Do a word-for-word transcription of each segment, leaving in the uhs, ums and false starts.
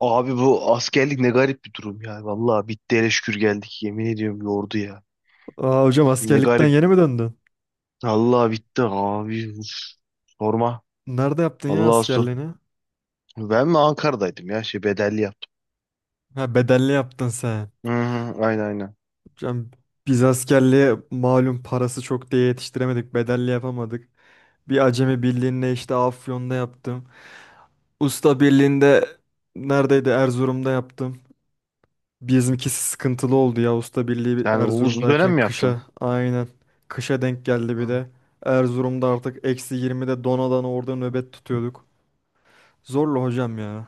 Abi bu askerlik ne garip bir durum ya. Vallahi bitti, hele şükür geldik. Yemin ediyorum, yordu ya. Aa hocam, Ne askerlikten garip. yeni mi döndün? Allah bitti abi. Uf, sorma. Nerede yaptın ya Allah'a sor. askerliğini? Ben mi Ankara'daydım ya? Şey, bedelli yaptım. Ha, bedelli yaptın sen. Hı hı, aynen aynen. Hocam, biz askerliğe malum parası çok diye yetiştiremedik. Bedelli yapamadık. Bir acemi birliğinde işte Afyon'da yaptım. Usta birliğinde neredeydi? Erzurum'da yaptım. Bizimkisi sıkıntılı oldu ya. Usta birliği bir Yani o uzun dönem Erzurum'dayken mi kışa yaptın? aynen. Kışa denk geldi bir Hı. de. Erzurum'da artık eksi yirmide donadan orada nöbet tutuyorduk. Zorlu hocam ya.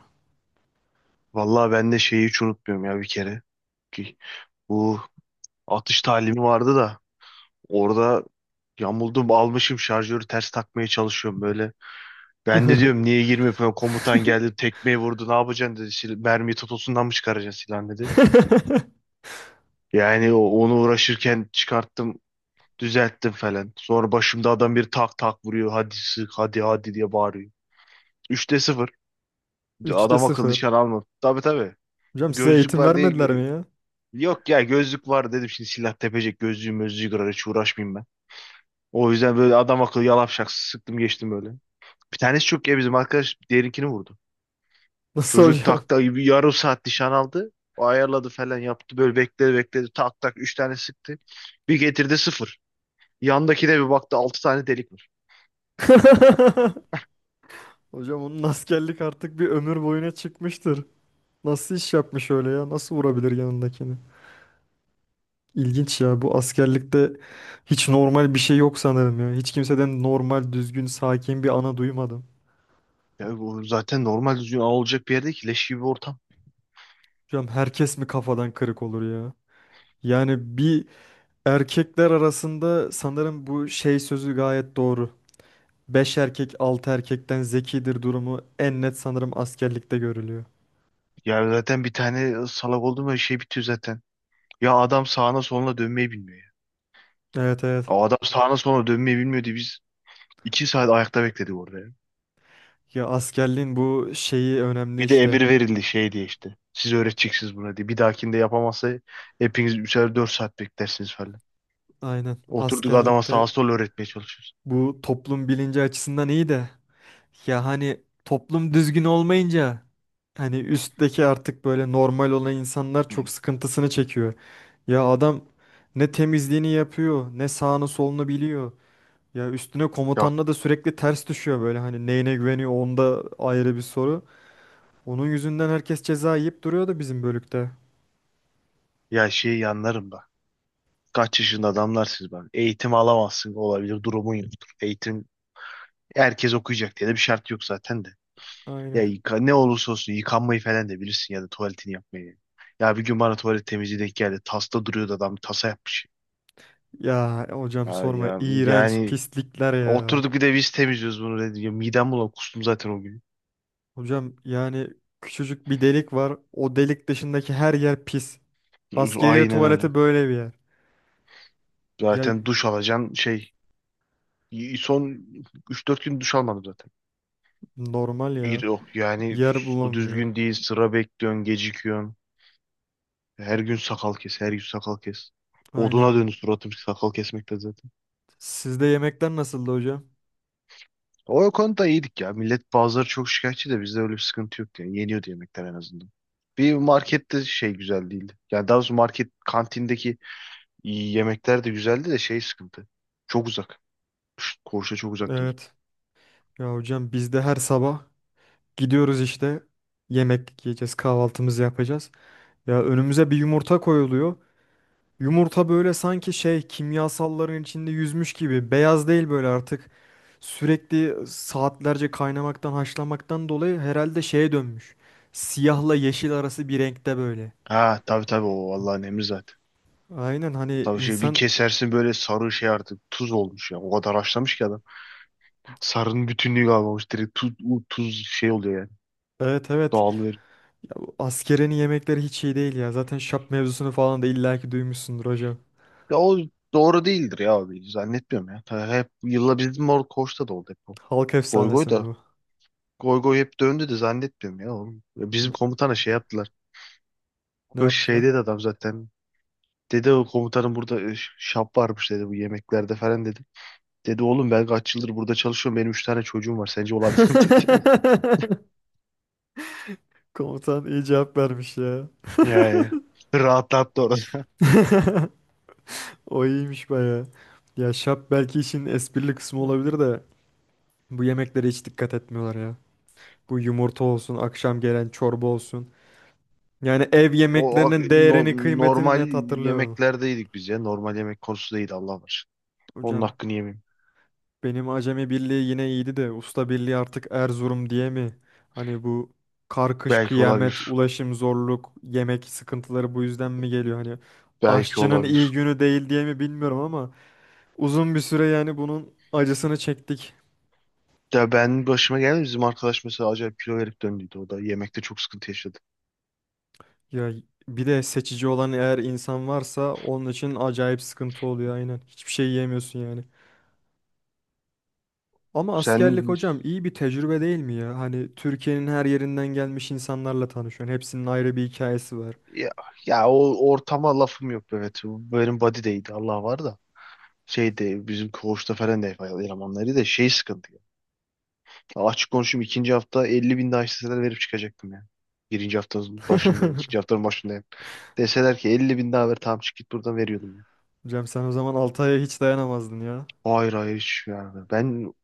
Vallahi ben de şeyi hiç unutmuyorum ya, bir kere. Ki bu atış talimi vardı da, orada yamuldum, almışım şarjörü ters takmaya çalışıyorum böyle. Ben de diyorum niye girmiyor falan, komutan geldi tekmeyi vurdu, ne yapacaksın dedi. Sil mermiyi totosundan mı çıkaracaksın silahını dedi. Yani o- onu uğraşırken çıkarttım, düzelttim falan. Sonra başımda adam bir tak tak vuruyor, hadi sık, hadi hadi diye bağırıyor. Üçte sıfır, Üçte adam akıllı sıfır. nişan almadı. Tabii tabii, Hocam, size gözlük eğitim var diye vermediler gö- mi ya? yok ya, gözlük var dedim, şimdi silah tepecek, gözlüğü mözlüğü kırar, hiç uğraşmayayım ben. O yüzden böyle adam akıllı yalap şak sıktım geçtim böyle. Bir tanesi çok ya, bizim arkadaş diğerinkini vurdu. Nasıl Çocuk hocam? takta gibi yarım saat nişan aldı. O ayarladı falan yaptı. Böyle bekledi bekledi. Tak tak üç tane sıktı. Bir getirdi sıfır. Yandaki de bir baktı, altı tane delik var. Hocam, onun askerlik artık bir ömür boyuna çıkmıştır. Nasıl iş yapmış öyle ya? Nasıl vurabilir yanındakini? İlginç ya, bu askerlikte hiç normal bir şey yok sanırım ya. Hiç kimseden normal, düzgün, sakin bir ana duymadım. Ya bu zaten normal düzgün ağ olacak bir yerde ki leş gibi bir ortam. Hocam, herkes mi kafadan kırık olur ya? Yani bir erkekler arasında sanırım bu şey sözü gayet doğru. Beş erkek altı erkekten zekidir durumu en net sanırım askerlikte görülüyor. Ya zaten bir tane salak oldu mu şey bitiyor zaten. Ya adam sağına soluna dönmeyi bilmiyor ya. Evet, evet. O adam sağına soluna dönmeyi bilmiyordu. Biz iki saat ayakta bekledik orada ya. Ya askerliğin bu şeyi önemli Bir de işte. emir verildi şey diye işte. Siz öğreteceksiniz buna diye. Bir dahakinde yapamazsa hepiniz üçer dört saat beklersiniz falan. Aynen. Oturduk adama Askerlikte sağa sola öğretmeye çalışıyoruz. bu toplum bilinci açısından iyi de ya hani toplum düzgün olmayınca hani üstteki artık böyle normal olan insanlar Hı. çok sıkıntısını çekiyor. Ya adam ne temizliğini yapıyor, ne sağını solunu biliyor. Ya üstüne Yok komutanla da sürekli ters düşüyor böyle, hani neyine güveniyor onda ayrı bir soru. Onun yüzünden herkes ceza yiyip duruyordu bizim bölükte. ya, şey yanlarım da. Kaç yaşında adamlar siz, ben. Eğitim alamazsın, olabilir, durumun yoktur. Eğitim, herkes okuyacak diye de bir şart yok zaten de. Ya Aynen. yıka- ne olursa olsun yıkanmayı falan da bilirsin ya da tuvaletini yapmayı. Ya bir gün bana tuvalet temizliği denk geldi. Tasta duruyordu, adam tasa yapmış. Ya hocam Ya, sorma, ya- iğrenç yani pislikler ya. oturduk bir de biz temizliyoruz bunu dedi. Ya midem bulan, kustum zaten o gün. Hocam yani küçücük bir delik var. O delik dışındaki her yer pis. Askeriye Aynen öyle. tuvaleti böyle bir yer. Ya Zaten duş alacaksın şey. y- Son üç dört gün duş almadım zaten. normal ya. İyi- Yok yani, Yer su bulamıyor. düzgün değil. Sıra bekliyorsun, gecikiyorsun. Her gün sakal kes, her gün sakal kes. Aynen. Oduna döndü suratım sakal kesmekte zaten. Sizde yemekler nasıldı hocam? O konuda iyiydik ya. Millet bazıları çok şikayetçi de bizde öyle bir sıkıntı yok yani. Yeniyordu yemekler en azından. Bir markette şey güzel değildi. Yani daha doğrusu market kantindeki İyi yemekler de güzeldi de şey sıkıntı. Çok uzak. Şşt, Korşa çok uzaktı bizim. Evet. Ya hocam, biz de her sabah gidiyoruz işte. Yemek yiyeceğiz, kahvaltımızı yapacağız. Ya önümüze bir yumurta koyuluyor. Yumurta böyle sanki şey kimyasalların içinde yüzmüş gibi. Beyaz değil böyle artık. Sürekli saatlerce kaynamaktan, haşlamaktan dolayı herhalde şeye dönmüş. Siyahla yeşil arası bir renkte böyle. Ha tabii tabii, o Allah'ın emri zaten. Aynen, hani Tabii şey, bir insan kesersin böyle sarı şey artık tuz olmuş ya. O kadar haşlamış ki adam. Sarının bütünlüğü kalmamış. Direkt tuz, u- tuz şey oluyor yani. evet, evet Dağılıyor. ya, bu askerenin yemekleri hiç iyi değil ya. Zaten şap mevzusunu falan da illaki duymuşsundur hocam. Ya o doğru değildir ya abi. Zannetmiyorum ya. Ta- hep yılla bizim orada Koç'ta da oldu hep o. Halk Goygoy efsanesi mi da. bu? Goygoy hep döndü de zannetmiyorum ya oğlum. Ya bizim komutana şey yaptılar. Ne Böyle şey yaptılar? dedi adam zaten. Dedi o komutanım burada e, şap varmış dedi bu yemeklerde falan dedi. Dedi oğlum ben kaç yıldır burada çalışıyorum. Benim üç tane çocuğum var. Sence olabilir mi dedi yani. Komutan iyi cevap vermiş ya. Yani rahatlattı orada. O iyiymiş baya. Ya şap belki işin esprili kısmı olabilir de bu yemeklere hiç dikkat etmiyorlar ya. Bu yumurta olsun, akşam gelen çorba olsun. Yani ev O yemeklerinin no- değerini, kıymetini normal net hatırlıyorum. yemeklerdeydik biz ya. Normal yemek konusu değil, Allah var. Onun Hocam, hakkını yemeyeyim. benim Acemi Birliği yine iyiydi de Usta Birliği artık Erzurum diye mi? Hani bu karkış Belki kıyamet, olabilir. ulaşım zorluk, yemek sıkıntıları bu yüzden mi geliyor? Hani Belki aşçının iyi olabilir. günü değil diye mi bilmiyorum ama uzun bir süre yani bunun acısını çektik. Ya ben başıma geldi. Bizim arkadaş mesela acayip kilo verip döndüydü. O da yemekte çok sıkıntı yaşadı. Ya bir de seçici olan eğer insan varsa onun için acayip sıkıntı oluyor aynen. Hiçbir şey yiyemiyorsun yani. Ama askerlik Sen hocam iyi bir tecrübe değil mi ya? Hani Türkiye'nin her yerinden gelmiş insanlarla tanışıyorsun. Hepsinin ayrı bir hikayesi var. ya, ya o ortama lafım yok, evet. Benim body değildi, Allah var da. Şeyde bizim koğuşta falan da elemanları da şey sıkıntı. Ya açık konuşayım, ikinci hafta elli bin daha isteseler verip çıkacaktım yani. Birinci haftanın başındayım. İkinci haftanın başındayım. Deseler ki elli bin daha ver, tamam çık git buradan, veriyordum ya. Hocam sen o zaman altı aya hiç dayanamazdın ya. Hayır hayır, hiç yani. Ben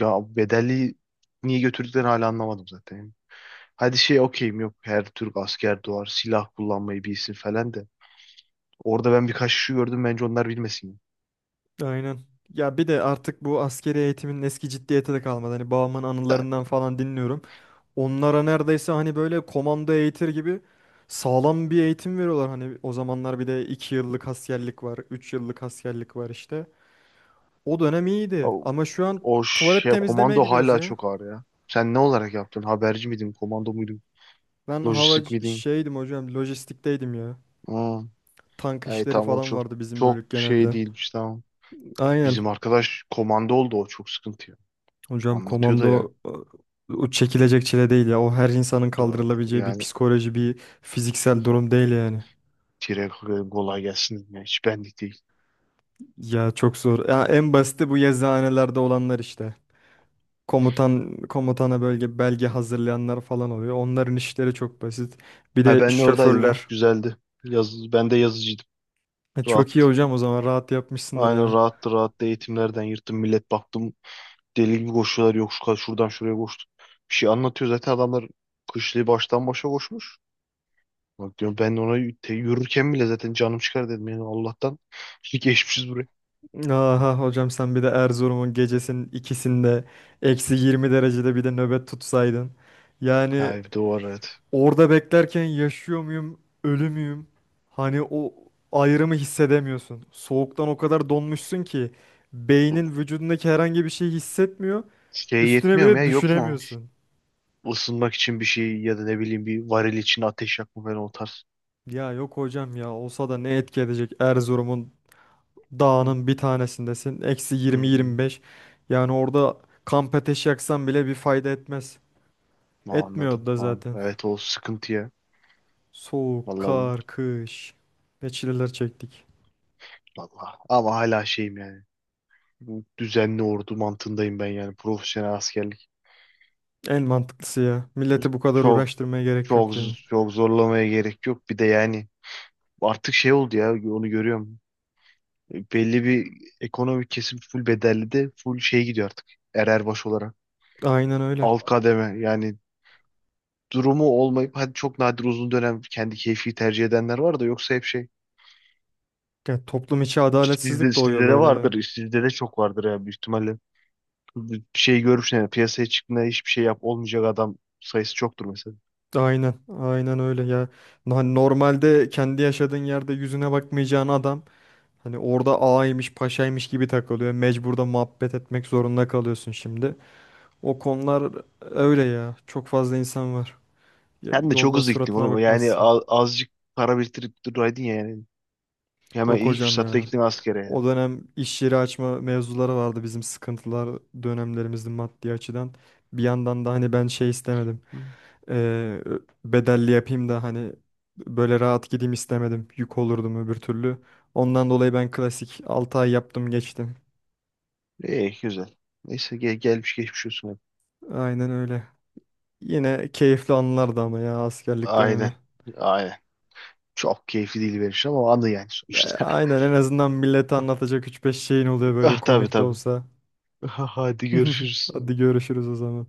ya, bedelli niye götürdüklerini hala anlamadım zaten. Hadi şey okeyim, yok her Türk asker doğar silah kullanmayı bilsin falan de. Orada ben birkaç kişi gördüm, bence onlar bilmesin. Aynen. Ya bir de artık bu askeri eğitimin eski ciddiyeti de kalmadı. Hani babamın Yani anılarından falan dinliyorum. Onlara neredeyse hani böyle komando eğitir gibi sağlam bir eğitim veriyorlar. Hani o zamanlar bir de iki yıllık askerlik var, üç yıllık askerlik var işte. O dönem iyiydi O, ama şu an o tuvalet şey temizlemeye komando gidiyoruz hala ya. çok ağır ya. Sen ne olarak yaptın? Haberci miydin? Komando muydun? Ben hava Lojistik miydin? şeydim hocam, lojistikteydim ya. Hmm. Tank Hey, işleri tamam o falan çok vardı bizim çok bölük şey genelde. değilmiş, tamam. Bizim Aynen. arkadaş komando oldu, o çok sıkıntı ya. Hocam Anlatıyor da ya. komando o o çekilecek çile değil ya. O her insanın Ee, kaldırılabileceği bir Yani psikoloji, bir fiziksel durum değil yani. tire kolay gelsin. Ya, hiç benlik değil. Ya çok zor. Ya en basiti bu yazıhanelerde olanlar işte. Komutan komutana bölge belge hazırlayanlar falan oluyor. Onların işleri çok basit. Bir Ha, de ben de oradaydım ya. şoförler. Güzeldi. Yaz, ben de yazıcıydım. E, Rahat. Çok iyi hocam, o zaman rahat yapmışsındır Aynen ya. rahattı rahattı, eğitimlerden yırttım. Millet baktım deli gibi koşuyorlar, yok şu kadar şuradan şuraya koştu. Bir şey anlatıyor zaten adamlar, kışlığı baştan başa koşmuş. Bak diyorum ben ona, y- te- yürürken bile zaten canım çıkar dedim yani, Allah'tan şimdi geçmişiz buraya. Aha hocam, sen bir de Erzurum'un gecesinin ikisinde eksi yirmi derecede bir de nöbet tutsaydın. Ha Yani evde o var, evet. orada beklerken yaşıyor muyum, ölü müyüm? Hani o ayrımı hissedemiyorsun. Soğuktan o kadar donmuşsun ki beynin vücudundaki herhangi bir şeyi hissetmiyor. Şey Üstüne yetmiyor mu ya, bile yok mu? düşünemiyorsun. Isınmak için bir şey ya da ne bileyim, bir varil için ateş yakma falan, o tarz. Ya yok hocam, ya olsa da ne etki edecek, Erzurum'un Hı, dağının bir tanesindesin. Eksi hı, yirmi yirmi beş. Yani orada kamp ateşi yaksan bile bir fayda etmez. Etmiyordu anladım. da Tamam. zaten. Evet o sıkıntı ya. Soğuk, Vallahi, kar, kış. Ne çileler çektik. vallahi. Ama hala şeyim yani. Bu düzenli ordu mantığındayım ben yani, profesyonel askerlik. En mantıklısı ya. Milleti bu kadar Çok uğraştırmaya gerek Çok yok ya. çok zorlamaya gerek yok. Bir de yani artık şey oldu ya, onu görüyorum. Belli bir ekonomik kesim full bedelli de full şey gidiyor artık. Ererbaş olarak. Aynen öyle. Alt kademe yani durumu olmayıp, hadi çok nadir uzun dönem kendi keyfi tercih edenler var da, yoksa hep şey. Ya toplum içi Sizde, adaletsizlik doğuyor sizde de böyle de. vardır. Sizde de çok vardır ya büyük ihtimalle. Bir şey görmüşsün yani piyasaya çıktığında hiçbir şey yap olmayacak adam sayısı çoktur mesela. Aynen, aynen öyle ya. Na- Normalde kendi yaşadığın yerde yüzüne bakmayacağın adam hani orada ağaymış, paşaymış gibi takılıyor. Mecbur da muhabbet etmek zorunda kalıyorsun şimdi. O konular öyle ya. Çok fazla insan var. Ya- Sen de çok Yolda hızlı gittin suratına oğlum. Yani bakmazsın. a- azıcık para biriktirip duraydın ya yani. Hemen Yok ilk hocam fırsatta ya. gittim askere ya. O dönem iş yeri açma mevzuları vardı bizim sıkıntılar dönemlerimizde maddi açıdan. Bir yandan da hani ben şey istemedim. Hı. Ee, Bedelli yapayım da hani böyle rahat gideyim istemedim. Yük olurdum öbür türlü. Ondan dolayı ben klasik altı ay yaptım geçtim. İyi güzel. Neyse gel, gelmiş geçmiş olsun hep. Aynen öyle. Yine keyifli anılardı ama ya askerlik Aynen. dönemi. Aynen. Çok keyifli değil benim için ama anı yani Ya, sonuçta. aynen, en azından millete anlatacak üç beş şeyin oluyor böyle Ah tabii komik de tabii. olsa. Hadi görüşürüz. Hadi görüşürüz o zaman.